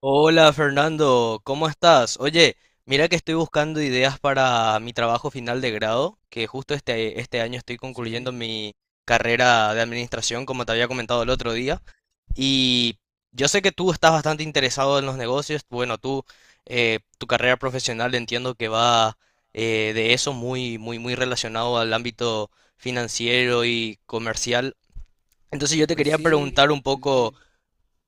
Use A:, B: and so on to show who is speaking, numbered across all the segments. A: Hola Fernando, ¿cómo estás? Oye, mira que estoy buscando ideas para mi trabajo final de grado, que justo este año estoy concluyendo
B: Sí,
A: mi carrera de administración, como te había comentado el otro día. Y yo sé que tú estás bastante interesado en los negocios. Bueno, tú, tu carrera profesional entiendo que va de eso muy, muy, muy relacionado al ámbito financiero y comercial. Entonces yo te
B: pues
A: quería
B: sí,
A: preguntar un
B: sí,
A: poco.
B: sí.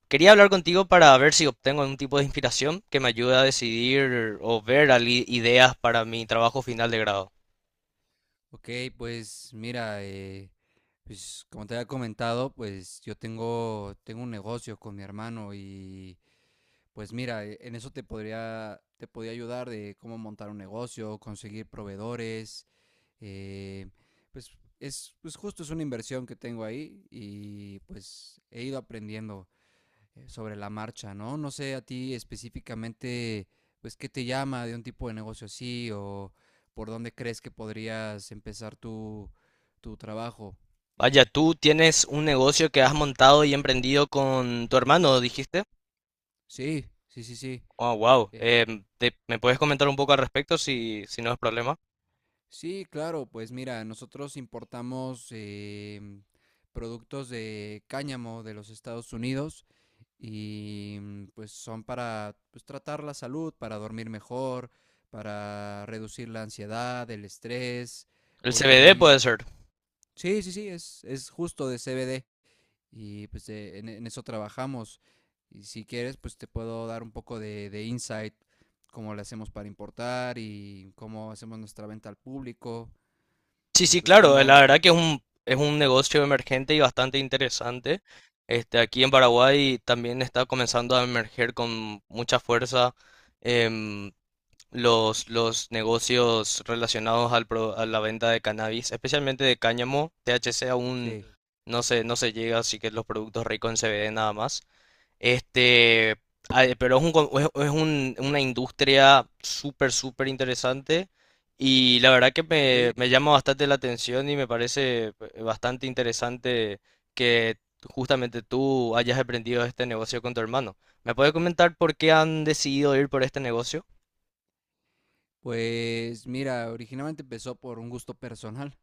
A: Quería hablar contigo para ver si obtengo algún tipo de inspiración que me ayude a decidir o ver ideas para mi trabajo final de grado.
B: Ok, pues mira, pues como te había comentado, pues tengo un negocio con mi hermano y pues mira, en eso te podría ayudar de cómo montar un negocio, conseguir proveedores, eh, pues pues justo es una inversión que tengo ahí y pues he ido aprendiendo sobre la marcha, ¿no? No sé a ti específicamente, pues ¿qué te llama de un tipo de negocio así o por dónde crees que podrías empezar tu trabajo?
A: Vaya, tú tienes un negocio que has montado y emprendido con tu hermano, dijiste.
B: Sí, sí, sí, sí.
A: Oh, wow.
B: eh,
A: ¿Me puedes comentar un poco al respecto si no es problema?
B: sí, claro, pues mira, nosotros importamos productos de cáñamo de los Estados Unidos y mm, pues son para, pues, tratar la salud, para dormir mejor, para reducir la ansiedad, el estrés,
A: El
B: hoy
A: CBD
B: también.
A: puede ser.
B: Sí, sí, sí, es justo de CBD y pues en eso trabajamos. Y si quieres, pues te puedo dar un poco de insight, cómo le hacemos para importar y cómo hacemos nuestra venta al público
A: Sí,
B: y
A: sí,
B: pues
A: claro.
B: cómo...
A: La verdad que es es un negocio emergente y bastante interesante. Este, aquí en Paraguay también está comenzando a emerger con mucha fuerza. em, los negocios relacionados al a la venta de cannabis, especialmente de cáñamo, THC aún
B: Sí,
A: no se llega, así que los productos ricos en CBD nada más. Este, pero es es una industria súper, súper interesante y la verdad que
B: sí.
A: me llama bastante la atención y me parece bastante interesante que justamente tú hayas aprendido este negocio con tu hermano. ¿Me puedes comentar por qué han decidido ir por este negocio?
B: Pues mira, originalmente empezó por un gusto personal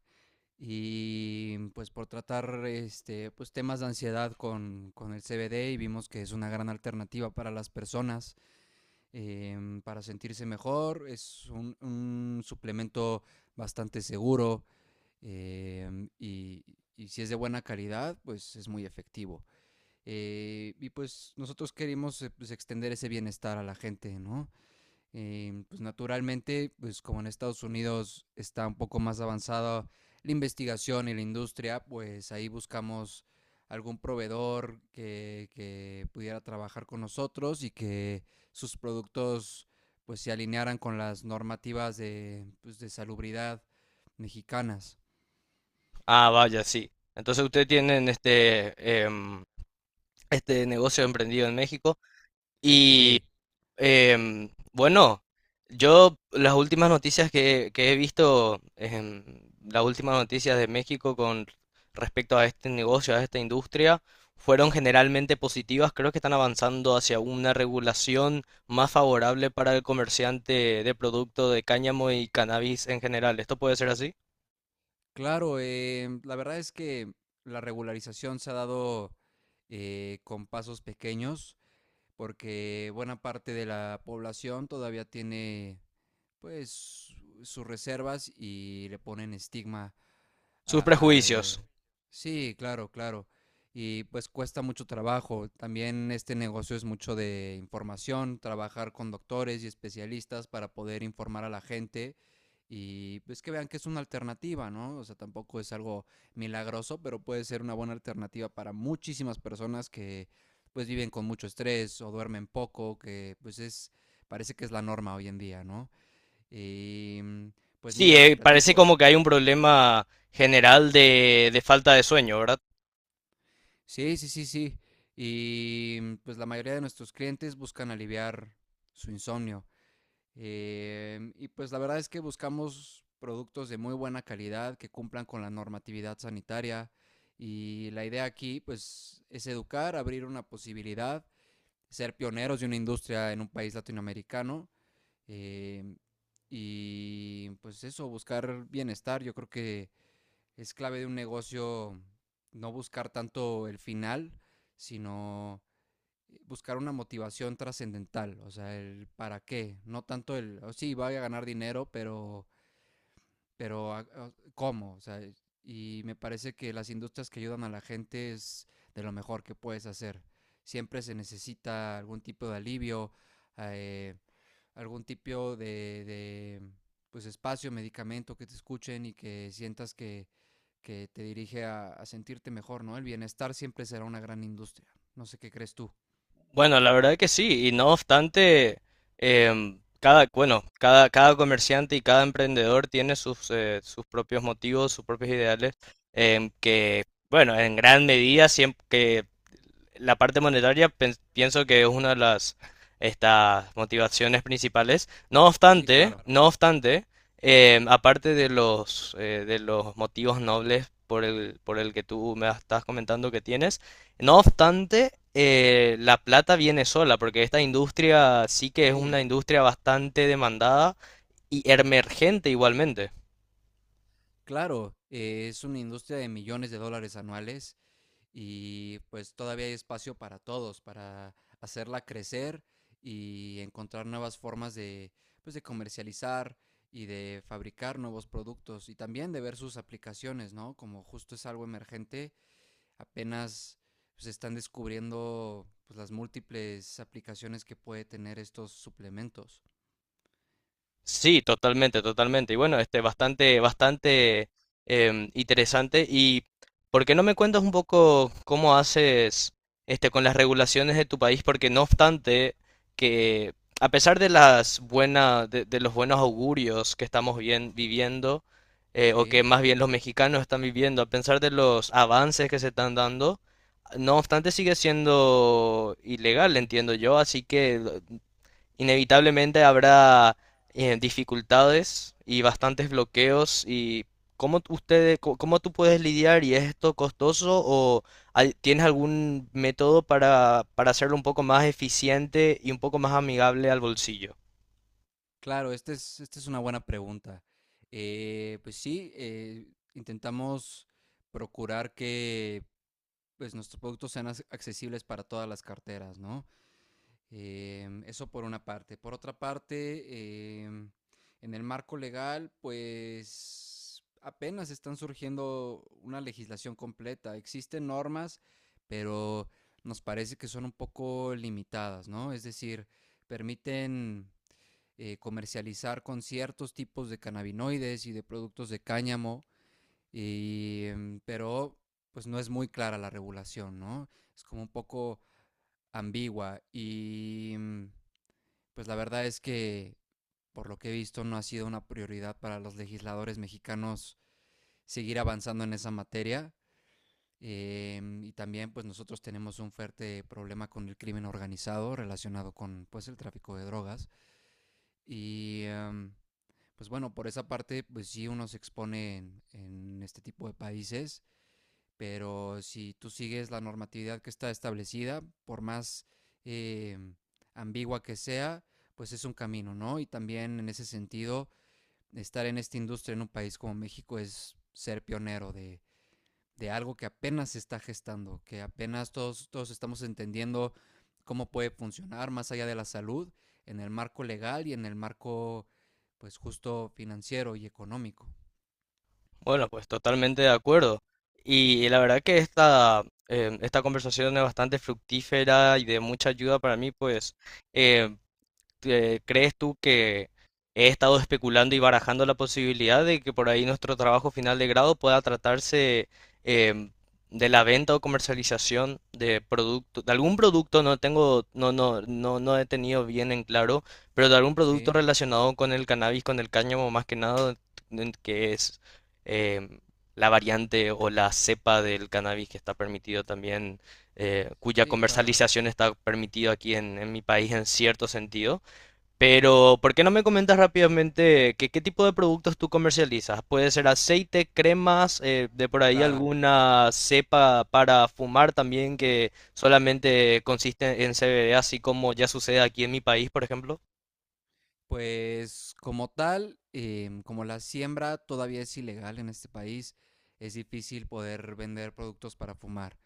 B: y pues por tratar este, pues, temas de ansiedad con el CBD y vimos que es una gran alternativa para las personas, para sentirse mejor. Es un suplemento bastante seguro, em, y, y si es de buena calidad, pues es muy efectivo. Y pues nosotros queremos, pues, extender ese bienestar a la gente, ¿no? Pues naturalmente, pues como en Estados Unidos está un poco más avanzada la investigación y la industria, pues ahí buscamos algún proveedor que pudiera trabajar con nosotros y que sus productos pues se alinearan con las normativas de, pues, de salubridad mexicanas.
A: Ah, vaya, sí. Entonces ustedes tienen este, este negocio emprendido en México y
B: Sí,
A: bueno, yo las últimas noticias que he visto, las últimas noticias de México con respecto a este negocio, a esta industria, fueron generalmente positivas. Creo que están avanzando hacia una regulación más favorable para el comerciante de producto de cáñamo y cannabis en general. ¿Esto puede ser así?
B: claro, la verdad es que la regularización se ha dado con pasos pequeños, porque buena parte de la población todavía tiene, pues, sus reservas y le ponen estigma
A: Sus
B: al...
A: prejuicios.
B: Sí, claro, claro. Y pues cuesta mucho trabajo. También este negocio es mucho de información, trabajar con doctores y especialistas para poder informar a la gente y pues que vean que es una alternativa, ¿no? O sea, tampoco es algo milagroso, pero puede ser una buena alternativa para muchísimas personas que pues viven con mucho estrés o duermen poco, que pues es, parece que es la norma hoy en día, ¿no? Y mm, pues
A: Sí,
B: mira, te
A: parece
B: platico.
A: como que hay un problema general de falta de sueño, ¿verdad?
B: Sí, sí, sí, sí. Y mm, pues la mayoría de nuestros clientes buscan aliviar su insomnio. Y pues la verdad es que buscamos productos de muy buena calidad que cumplan con la normatividad sanitaria. Y la idea aquí pues es educar, abrir una posibilidad, ser pioneros de una industria en un país latinoamericano. em, y pues eso, buscar bienestar. Yo creo que es clave de un negocio no buscar tanto el final, sino buscar una motivación trascendental, o sea, el para qué, no tanto el, oh, sí, voy a ganar dinero, pero, pero ¿cómo? O sea, y me parece que las industrias que ayudan a la gente es de lo mejor que puedes hacer. Siempre se necesita algún tipo de alivio, eh, algún tipo de, pues, espacio, medicamento, que te escuchen y que sientas que te dirige a sentirte mejor, ¿no? El bienestar siempre será una gran industria. No sé qué crees tú.
A: Bueno, la verdad que sí, y no obstante, cada, bueno, cada comerciante y cada emprendedor tiene sus, sus propios motivos, sus propios ideales, que, bueno, en gran medida, siempre que la parte monetaria pienso que es una de las estas motivaciones principales. No
B: Sí,
A: obstante,
B: claro.
A: no obstante, aparte de los motivos nobles por el que tú me estás comentando que tienes, no obstante, la plata viene sola, porque esta industria sí que es
B: Sí,
A: una industria bastante demandada y emergente igualmente.
B: claro. Es una industria de millones de dólares anuales y pues todavía hay espacio para todos, para hacerla crecer y encontrar nuevas formas de, pues, de comercializar y de fabricar nuevos productos y también de ver sus aplicaciones, ¿no? Como justo es algo emergente, apenas se están descubriendo, pues, las múltiples aplicaciones que puede tener estos suplementos.
A: Sí, totalmente, totalmente. Y bueno, este, bastante, bastante interesante. ¿Y por qué no me cuentas un poco cómo haces este con las regulaciones de tu país? Porque no obstante que, a pesar de las buenas, de los buenos augurios que estamos bien, viviendo, o que
B: Sí,
A: más bien los mexicanos están viviendo, a pesar de los avances que se están dando, no obstante sigue siendo ilegal, entiendo yo. Así que inevitablemente habrá dificultades y bastantes bloqueos y ¿cómo ustedes, cómo tú puedes lidiar y es esto costoso o tienes algún método para hacerlo un poco más eficiente y un poco más amigable al bolsillo?
B: claro, esta es una buena pregunta. Pues sí, intentamos procurar que, pues, nuestros productos sean accesibles para todas las carteras, ¿no? Eso por una parte. Por otra parte, en el marco legal, pues apenas están surgiendo una legislación completa. Existen normas, pero nos parece que son un poco limitadas, ¿no? Es decir, permiten comercializar con ciertos tipos de cannabinoides y de productos de cáñamo, y, pero pues no es muy clara la regulación, ¿no? Es como un poco ambigua y mm, pues la verdad es que, por lo que he visto, no ha sido una prioridad para los legisladores mexicanos seguir avanzando en esa materia. Y también pues nosotros tenemos un fuerte problema con el crimen organizado relacionado con, pues, el tráfico de drogas y pues bueno, por esa parte pues sí uno se expone en este tipo de países, pero si tú sigues la normatividad que está establecida, por más eh, ambigua que sea, pues es un camino, ¿no? Y también en ese sentido, estar en esta industria en un país como México es ser pionero de algo que apenas se está gestando, que apenas todos estamos entendiendo cómo puede funcionar más allá de la salud, en el marco legal y en el marco, pues, justo financiero y económico.
A: Bueno, pues totalmente de acuerdo. Y la verdad que esta, esta conversación es bastante fructífera y de mucha ayuda para mí, pues ¿crees tú que he estado especulando y barajando la posibilidad de que por ahí nuestro trabajo final de grado pueda tratarse em, de la venta o comercialización de producto, de algún producto, no tengo, no, no, no, no he tenido bien en claro, pero de algún producto
B: Sí,
A: relacionado con el cannabis, con el cáñamo más que nada, en que es em, la variante o la cepa del cannabis que está permitido también, cuya
B: sí, claro,
A: comercialización está permitido aquí en mi país en cierto sentido pero, ¿por qué no me comentas rápidamente qué tipo de productos tú comercializas? Puede ser aceite, cremas, de por ahí
B: claro.
A: alguna cepa para fumar también que solamente consiste en CBD, así como ya sucede aquí en mi país, por ejemplo.
B: Pues como tal, como la siembra todavía es ilegal en este país, es difícil poder vender productos para fumar.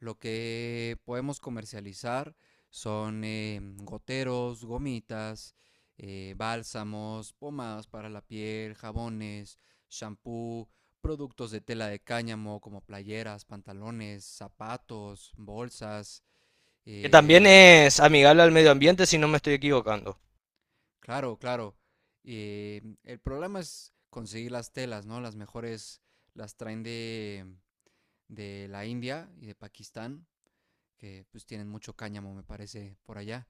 B: Lo que podemos comercializar son, goteros, gomitas, bálsamos, pomadas para la piel, jabones, shampoo, productos de tela de cáñamo como playeras, pantalones, zapatos, bolsas,
A: Que también
B: em,
A: es amigable al medio ambiente, si no me estoy equivocando.
B: Claro, claro. El problema es conseguir las telas, ¿no? Las mejores las traen de la India y de Pakistán, que pues tienen mucho cáñamo, me parece, por allá.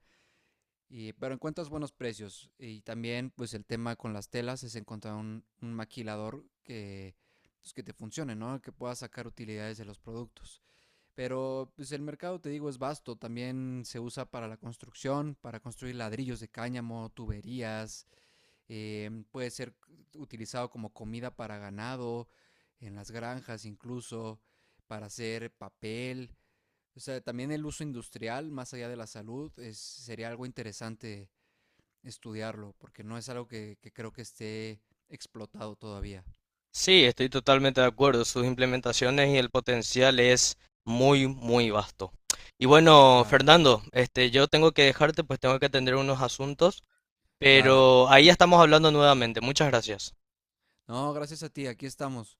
B: Y, pero encuentras buenos precios. Y también, pues el tema con las telas es encontrar un maquilador pues, que te funcione, ¿no? Que pueda sacar utilidades de los productos. Pero pues el mercado, te digo, es vasto. También se usa para la construcción, para construir ladrillos de cáñamo, tuberías, puede ser utilizado como comida para ganado, en las granjas incluso, para hacer papel. O sea, también el uso industrial, más allá de la salud, es, sería algo interesante estudiarlo, porque no es algo que creo que esté explotado todavía.
A: Sí, estoy totalmente de acuerdo. Sus implementaciones y el potencial es muy, muy vasto. Y bueno,
B: Claro,
A: Fernando, este, yo tengo que dejarte, pues tengo que atender unos asuntos.
B: claro.
A: Pero ahí ya estamos hablando nuevamente. Muchas gracias.
B: No, gracias a ti, aquí estamos.